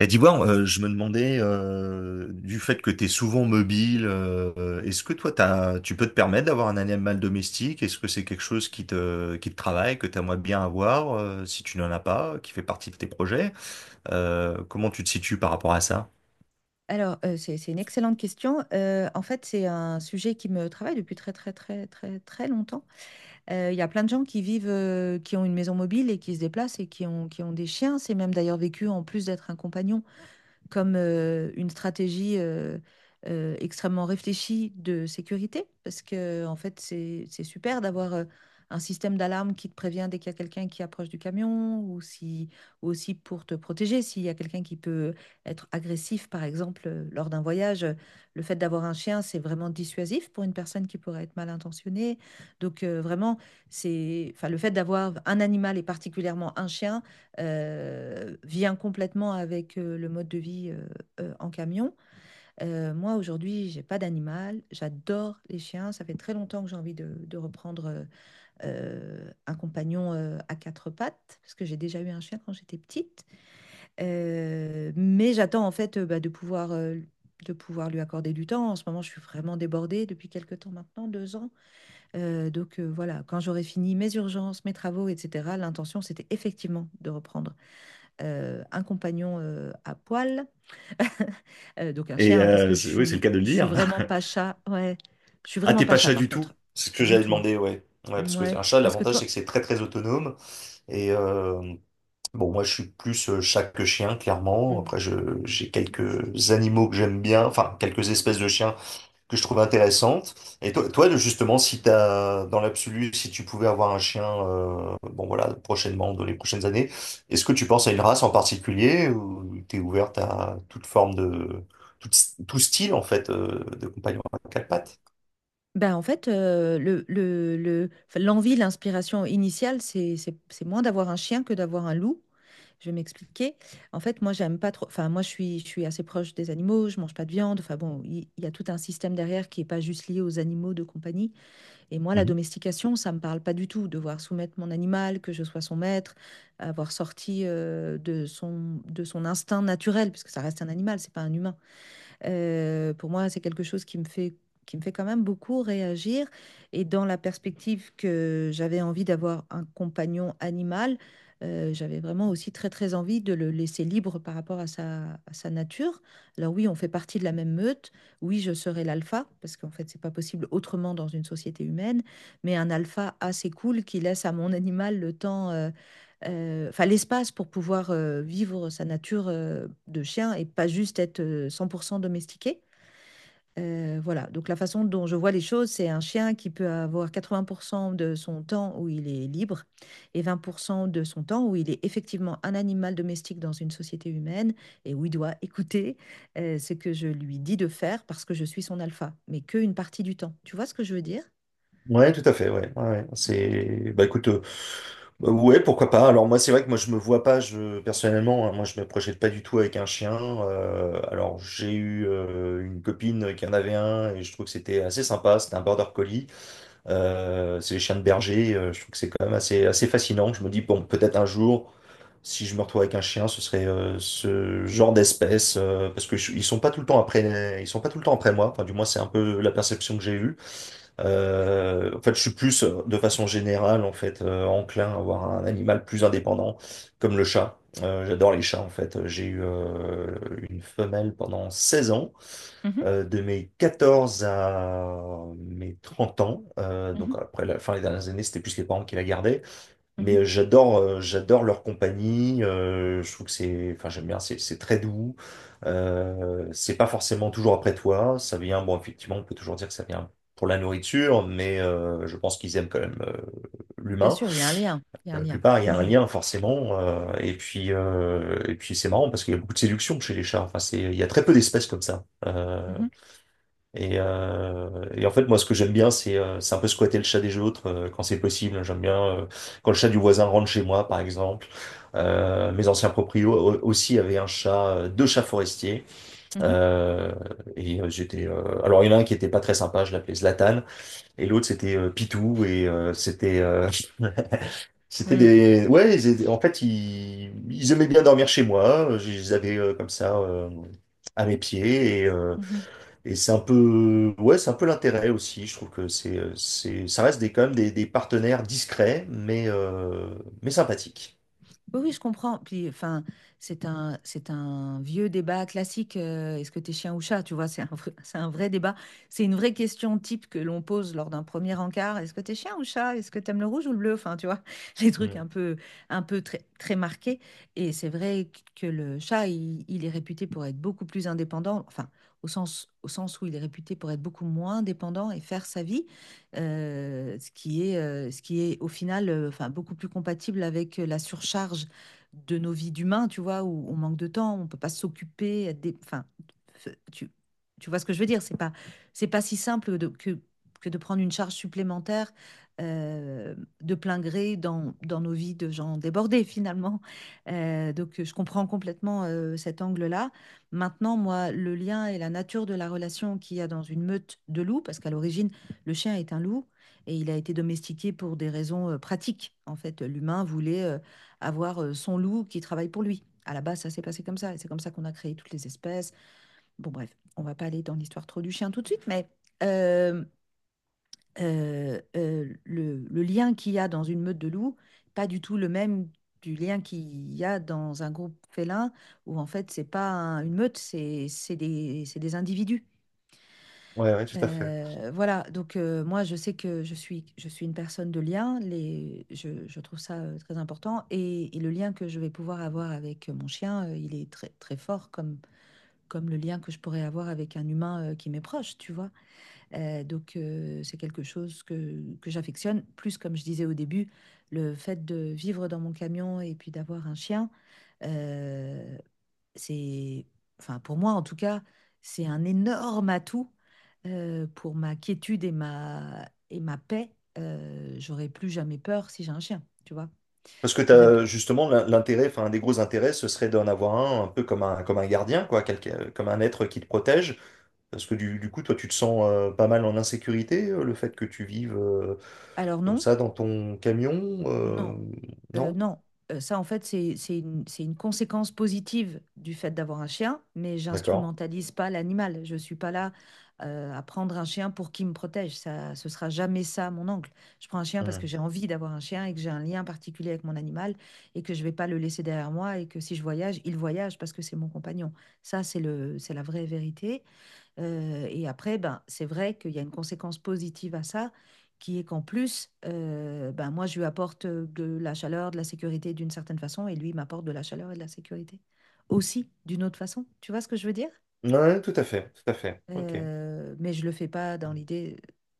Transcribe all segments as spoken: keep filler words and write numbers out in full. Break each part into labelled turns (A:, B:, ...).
A: Et d'Ivoire, euh, je me demandais, euh, du fait que tu es souvent mobile, euh, est-ce que toi, t'as, tu peux te permettre d'avoir un animal domestique? Est-ce que c'est quelque chose qui te, qui te travaille, que tu aimerais bien avoir, euh, si tu n'en as pas, qui fait partie de tes projets? Euh, comment tu te situes par rapport à ça?
B: Alors, euh, c'est, c'est une excellente question. Euh, en fait, c'est un sujet qui me travaille depuis très, très, très, très, très longtemps. Euh, Il y a plein de gens qui vivent, euh, qui ont une maison mobile et qui se déplacent et qui ont, qui ont des chiens. C'est même d'ailleurs vécu, en plus d'être un compagnon, comme euh, une stratégie euh, euh, extrêmement réfléchie de sécurité, parce que en fait, c'est c'est super d'avoir euh, un système d'alarme qui te prévient dès qu'il y a quelqu'un qui approche du camion, ou si, ou aussi pour te protéger, s'il y a quelqu'un qui peut être agressif, par exemple, euh, lors d'un voyage. euh, Le fait d'avoir un chien, c'est vraiment dissuasif pour une personne qui pourrait être mal intentionnée. Donc, euh, vraiment, c'est, enfin, le fait d'avoir un animal et particulièrement un chien heu, vient complètement avec, heu, le mode de vie, heu heu, en camion. Heu, moi, aujourd'hui, j'ai pas d'animal, j'adore les chiens, ça fait très longtemps que j'ai envie de de reprendre, heu heu, un compagnon, heu, à quatre pattes, parce que j'ai déjà eu un chien quand j'étais petite. Heu, mais j'attends en fait, heu, bah, de pouvoir, heu, de pouvoir lui accorder du temps. En ce moment, je suis vraiment débordée depuis quelque temps maintenant, deux ans. Heu, donc heu, voilà, quand j'aurai fini mes urgences, mes travaux et cetera, l'intention, c'était effectivement de reprendre euh, un compagnon euh, à poil, euh, donc un
A: Et
B: chien, hein, parce
A: euh,
B: que je
A: c'est- oui, c'est le
B: suis,
A: cas de le
B: je suis
A: dire.
B: vraiment pas chat. Ouais, je suis
A: Ah,
B: vraiment
A: t'es
B: pas
A: pas
B: chat
A: chat
B: par
A: du tout?
B: contre,
A: C'est ce que
B: du
A: j'avais
B: tout.
A: demandé, ouais. Ouais, parce que
B: Ouais,
A: un chat,
B: parce que
A: l'avantage, c'est
B: toi,
A: que c'est très très autonome. Et, Bon, moi, je suis plus euh, chat que chien, clairement.
B: mm.
A: Après, je, j'ai quelques animaux que j'aime bien, enfin, quelques espèces de chiens que je trouve intéressantes. Et toi, toi, de- justement, si t'as, dans l'absolu, si tu pouvais avoir un chien, euh, bon, voilà, prochainement, dans les prochaines années, est-ce que tu penses à une race en particulier ou t'es ouverte à toute forme de, tout, tout style, en fait, euh, de compagnon à quatre pattes?
B: ben en fait, euh, le, le, le- enfin, l'envie, l'inspiration initiale, c'est, c'est, c'est moins d'avoir un chien que d'avoir un loup. Je vais m'expliquer. En fait, moi, j'aime pas trop. Enfin, moi, je suis, je suis assez proche des animaux. Je mange pas de viande. Enfin bon, il il y, a tout un système derrière qui est pas juste lié aux animaux de compagnie. Et moi, la domestication, ça me parle pas du tout. Devoir soumettre mon animal, que je sois son maître, avoir sorti euh, de son, de son instinct naturel, puisque ça reste un animal, c'est pas un humain. Euh, pour moi, c'est quelque chose qui me fait, qui me fait quand même beaucoup réagir. Et dans la perspective que j'avais envie d'avoir un compagnon animal, euh, j'avais vraiment aussi très très envie de le laisser libre par rapport à sa, à sa nature. Alors oui, on fait partie de la même meute. Oui, je serai l'alpha, parce qu'en fait, c'est pas possible autrement dans une société humaine. Mais un alpha assez cool qui laisse à mon animal le temps, euh, euh, enfin l'espace pour pouvoir euh, vivre sa nature euh, de chien et pas juste être euh, cent pour cent domestiqué. Euh, voilà, donc la façon dont je vois les choses, c'est un chien qui peut avoir quatre-vingts pour cent de son temps où il est libre et vingt pour cent de son temps où il est effectivement un animal domestique dans une société humaine et où il doit écouter euh, ce que je lui dis de faire parce que je suis son alpha, mais qu'une partie du temps. Tu vois ce que je veux dire?
A: Ouais, tout à fait, ouais. Ouais, ouais. C'est bah écoute euh, bah, ouais, pourquoi pas. Alors moi c'est vrai que moi je me vois pas je personnellement, hein, moi je me projette pas du tout avec un chien. Euh, alors j'ai eu euh, une copine qui en avait un et je trouve que c'était assez sympa, c'était un border collie. Euh, c'est les chiens de berger, euh, je trouve que c'est quand même assez assez fascinant. Je me dis bon, peut-être un jour si je me retrouve avec un chien, ce serait euh, ce genre d'espèce euh, parce que je- ils sont pas tout le temps après ils sont pas tout le temps après moi, enfin du moins c'est un peu la perception que j'ai eue. Euh, en fait, je suis plus, euh, de façon générale, en fait, euh, enclin à avoir un animal plus indépendant, comme le chat. Euh, j'adore les chats, en fait. J'ai eu euh, une femelle pendant seize ans,
B: Mhm,
A: euh, de mes quatorze à mes trente ans. Euh,
B: mhm,
A: donc après la fin des dernières années, c'était plus les parents qui la gardaient.
B: mhm.
A: Mais euh, j'adore euh, j'adore leur compagnie. euh, je trouve que c'est, enfin j'aime bien, c'est c'est très doux. Euh, c'est pas forcément toujours après toi. Ça vient, bon effectivement, on peut toujours dire que ça vient pour la nourriture, mais euh, je pense qu'ils aiment quand même euh,
B: Bien
A: l'humain.
B: sûr, il y a un lien. Il y a
A: Pour
B: un
A: la
B: lien.
A: plupart, il y a un
B: Mhm,
A: lien forcément. euh, et puis euh, et puis c'est marrant parce qu'il y a beaucoup de séduction chez les chats. Enfin c'est, il y a très peu d'espèces comme ça. Euh,
B: mhm,
A: et, euh, et en fait, moi, ce que j'aime bien, c'est euh, c'est un peu squatter le chat des autres euh, quand c'est possible. J'aime bien euh, quand le chat du voisin rentre chez moi, par exemple. Euh, mes anciens proprios au- aussi avaient un chat, euh, deux chats forestiers.
B: mhm,
A: Euh, et euh, j'étais. Euh, alors, il y en a un qui était pas très sympa, je l'appelais Zlatan, et l'autre c'était euh, Pitou, et euh, c'était euh, c'était
B: mm.
A: des. Ouais, ils étaient- en fait, ils, ils aimaient bien dormir chez moi. Je les avais euh, comme ça euh, à mes pieds,
B: Mhm.
A: et c'est un peu, ouais, c'est un peu l'intérêt aussi. Je trouve que c'est, euh, c'est, ça reste des, quand même des, des partenaires discrets, mais, euh, mais sympathiques.
B: Oui, oui, je comprends. Puis, enfin, c'est un, c'est un vieux débat classique. Euh, est-ce que t'es chien ou chat? Tu vois, c'est un, vrai- c'est un vrai débat. C'est une vraie question type que l'on pose lors d'un premier encart. Est-ce que t'es chien ou chat? Est-ce que t'aimes le rouge ou le bleu? Enfin, tu vois, les trucs
A: Mm.
B: un peu, un peu très, très marqués. Et c'est vrai que le chat, il, il est réputé pour être beaucoup plus indépendant. Enfin, au sens, au sens où il est réputé pour être beaucoup moins dépendant et faire sa vie. Euh, ce qui est, euh, ce qui est au final euh, enfin, beaucoup plus compatible avec euh, la surcharge de nos vies d'humains, tu vois, où on manque de temps, on peut pas s'occuper, être des... enfin, f- tu, tu vois ce que je veux dire, c'est pas, c'est pas si simple de- que, que de prendre une charge supplémentaire euh, de plein gré dans, dans nos vies de gens débordés finalement. Euh, donc je comprends complètement euh, cet angle-là. Maintenant, moi, le lien et la nature de la relation qu'il y a dans une meute de loups, parce qu'à l'origine, le chien est un loup et il a été domestiqué pour des raisons euh, pratiques. En fait, l'humain voulait euh, avoir euh, son loup qui travaille pour lui. À la base, ça s'est passé comme ça et c'est comme ça qu'on a créé toutes les espèces. Bon, bref, on va pas aller dans l'histoire trop du chien tout de suite, mais euh, euh, euh, le, le lien qu'il y a dans une meute de loups, pas du tout le même du lien qu'il y a dans un groupe félin où en fait, c'est pas un- une meute, c'est c'est des, c'est des individus.
A: Ouais, ouais, tout à fait.
B: Euh, voilà, donc euh, moi je sais que je suis, je suis une personne de lien, les, je, je trouve ça euh, très important et, et le lien que je vais pouvoir avoir avec mon chien, euh, il est très, très fort comme, comme le lien que je pourrais avoir avec un humain euh, qui m'est proche, tu vois. Euh, donc, euh, c'est quelque chose que, que j'affectionne. Plus, comme je disais au début, le fait de vivre dans mon camion et puis d'avoir un chien, euh, c'est, enfin, pour moi en tout cas, c'est un énorme atout euh, pour ma quiétude et ma, et ma paix. Euh, j'aurais plus jamais peur si j'ai un chien, tu vois.
A: Parce que
B: J'aurais...
A: t'as, justement, l'in- l'intérêt, enfin, un des gros intérêts, ce serait d'en avoir un, un peu comme un, comme un gardien, quoi, quelqu'un, euh, comme un être qui te protège. Parce que du, du coup, toi, tu te sens euh, pas mal en insécurité, euh, le fait que tu vives euh,
B: Alors
A: comme
B: non,
A: ça dans ton camion,
B: non,
A: euh,
B: euh,
A: non?
B: non. Euh, ça, en fait, c'est, c'est une, c'est une conséquence positive du fait d'avoir un chien, mais
A: D'accord.
B: j'instrumentalise pas l'animal. Je suis pas là euh, à prendre un chien pour qu'il me protège. Ça, ce sera jamais ça, mon oncle. Je prends un chien parce que
A: Mm.
B: j'ai envie d'avoir un chien et que j'ai un lien particulier avec mon animal et que je vais pas le laisser derrière moi et que si je voyage, il voyage parce que c'est mon compagnon. Ça, c'est le, c'est la vraie vérité. Euh, et après, ben, c'est vrai qu'il y a une conséquence positive à ça, qui est qu'en plus, euh, ben, moi, je lui apporte euh, de la chaleur, de la sécurité d'une certaine façon, et lui il m'apporte de la chaleur et de la sécurité aussi d'une autre façon. Tu vois ce que je veux dire?
A: Ouais, tout à fait, tout à fait. Ok.
B: Euh, mais je le fais pas dans l'idée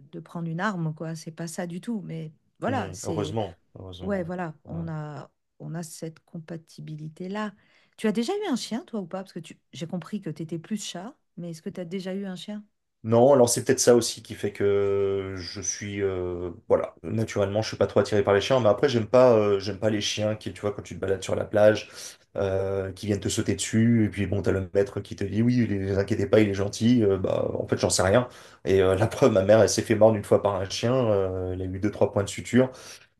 B: de prendre une arme, quoi. C'est pas ça du tout. Mais voilà,
A: Hmm,
B: c'est...
A: heureusement,
B: Ouais,
A: heureusement.
B: voilà,
A: Ouais. Ouais.
B: on a, on a cette compatibilité-là. Tu as déjà eu un chien, toi, ou pas? Parce que tu... j'ai compris que tu étais plus chat, mais est-ce que tu as déjà eu un chien?
A: Non, alors c'est peut-être ça aussi qui fait que je suis, euh, voilà, naturellement, je suis pas trop attiré par les chiens, mais après j'aime pas, euh, j'aime pas les chiens qui, tu vois, quand tu te balades sur la plage, euh, qui viennent te sauter dessus, et puis bon, t'as le maître qui te dit oui, oui, les, les inquiétez pas, il est gentil. Euh, bah en fait j'en sais rien. Et euh, la preuve, ma mère, elle s'est fait mordre une fois par un chien, euh, elle a eu deux trois points de suture.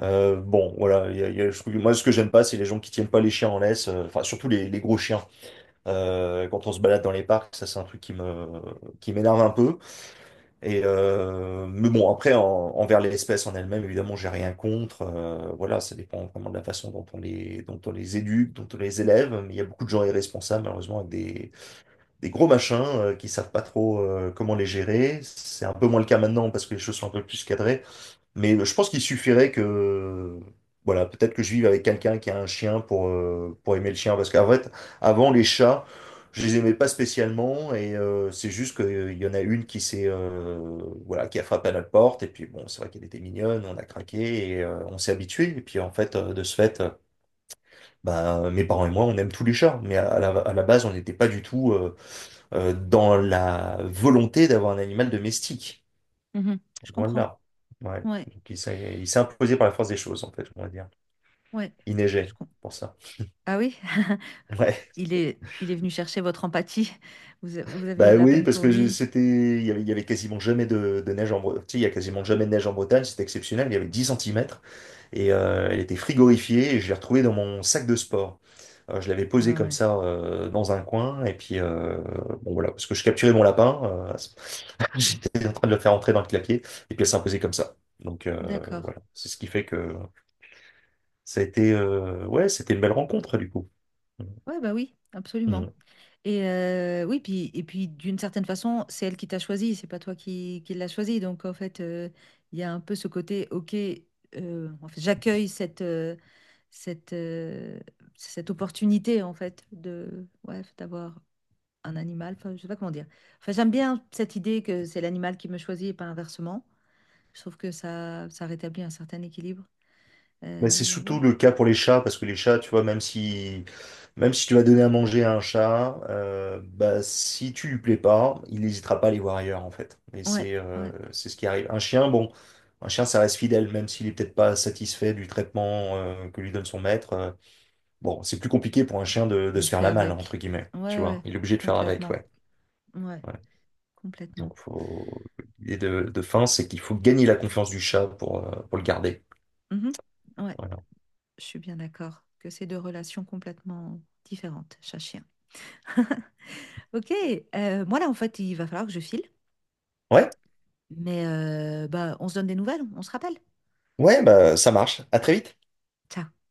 A: Euh, bon, voilà, il y a- il y a- je trouve que moi ce que j'aime pas, c'est les gens qui tiennent pas les chiens en laisse, euh, enfin surtout les, les gros chiens. Euh, quand on se balade dans les parcs, ça c'est un truc qui me qui m'énerve un peu. Et euh, mais bon, après en- envers l'espèce en elle-même, évidemment, j'ai rien contre. Euh, voilà, ça dépend vraiment de la façon dont on les dont on les éduque, dont on les élève. Mais il y a beaucoup de gens irresponsables, malheureusement, avec des des gros machins euh, qui savent pas trop euh, comment les gérer. C'est un peu moins le cas maintenant parce que les choses sont un peu plus cadrées. Mais je pense qu'il suffirait que, voilà, peut-être que je vive avec quelqu'un qui a un chien pour, euh, pour aimer le chien. Parce qu'en fait, avant, les chats, je les aimais pas spécialement. Et euh, c'est juste qu'il y en a une qui s'est, euh, voilà, qui a frappé à notre porte. Et puis, bon, c'est vrai qu'elle était mignonne, on a craqué et euh, on s'est habitué. Et puis, en fait, euh, de ce fait, euh, bah, mes parents et moi, on aime tous les chats. Mais à, la, à la base, on n'était pas du tout euh, euh, dans la volonté d'avoir un animal domestique.
B: Mhm. Je comprends.
A: Voilà. Ouais.
B: Ouais,
A: Donc, il s'est il s'est imposé par la force des choses, en fait, on va dire.
B: ouais.
A: Il
B: Je
A: neigeait,
B: com-
A: pour ça.
B: Ah oui,
A: Ouais.
B: il est, il est venu chercher votre empathie. Vous, a- vous avez eu
A: Bah
B: de la
A: oui,
B: peine
A: parce
B: pour
A: que je-
B: lui.
A: c'était, il y avait, il y avait quasiment jamais de, de neige en Bretagne. Il y a quasiment jamais de neige en Bretagne, c'était exceptionnel. Il y avait dix centimètres et euh, elle était frigorifiée et je l'ai retrouvée dans mon sac de sport. Euh, je l'avais posée
B: Ah
A: comme
B: ouais.
A: ça euh, dans un coin et puis euh, bon voilà, parce que je capturais mon lapin, euh, à ce- j'étais en train de le faire entrer dans le clapier et puis elle s'est imposée comme ça. Donc euh,
B: D'accord.
A: voilà, c'est ce qui fait que ça a été, euh, ouais, c'était une belle rencontre, du coup.
B: Ouais, bah oui, absolument.
A: Mm.
B: Et euh, oui, puis et puis d'une certaine façon, c'est elle qui t'a choisi, c'est pas toi qui, qui l'as choisi. Donc en fait, euh, il y a un peu ce côté, ok, euh, en fait, j'accueille cette euh, cette euh, cette opportunité en fait de ouais d'avoir un animal, enfin, je sais pas comment dire. Enfin, j'aime bien cette idée que c'est l'animal qui me choisit et pas inversement. Je trouve que ça, ça rétablit un certain équilibre.
A: Mais c'est
B: Euh, ouais,
A: surtout le cas pour les chats, parce que les chats, tu vois, même si, même si tu vas donner à manger à un chat, euh, bah, si tu lui plais pas, il n'hésitera pas à aller voir ailleurs, en fait. Et
B: ouais,
A: c'est euh,
B: ouais.
A: c'est ce qui arrive. Un chien, bon, un chien, ça reste fidèle, même s'il est peut-être pas satisfait du traitement euh, que lui donne son maître. Euh, bon, c'est plus compliqué pour un chien de, de se
B: Il
A: faire
B: fait
A: la malle, entre
B: avec.
A: guillemets,
B: Ouais,
A: tu vois.
B: ouais,
A: Il est obligé de faire avec,
B: complètement.
A: ouais.
B: Ouais,
A: Ouais.
B: complètement.
A: Donc, faut... l'idée de, de fin, c'est qu'il faut gagner la confiance du chat pour, euh, pour le garder.
B: Mhm. Ouais,
A: Voilà.
B: je suis bien d'accord que c'est deux relations complètement différentes, chat-chien. Ok, euh, moi là, en fait, il va falloir que je file.
A: Ouais,
B: Mais euh, bah, on se donne des nouvelles, on se rappelle.
A: ouais, bah, ça marche. À très vite.
B: Ciao.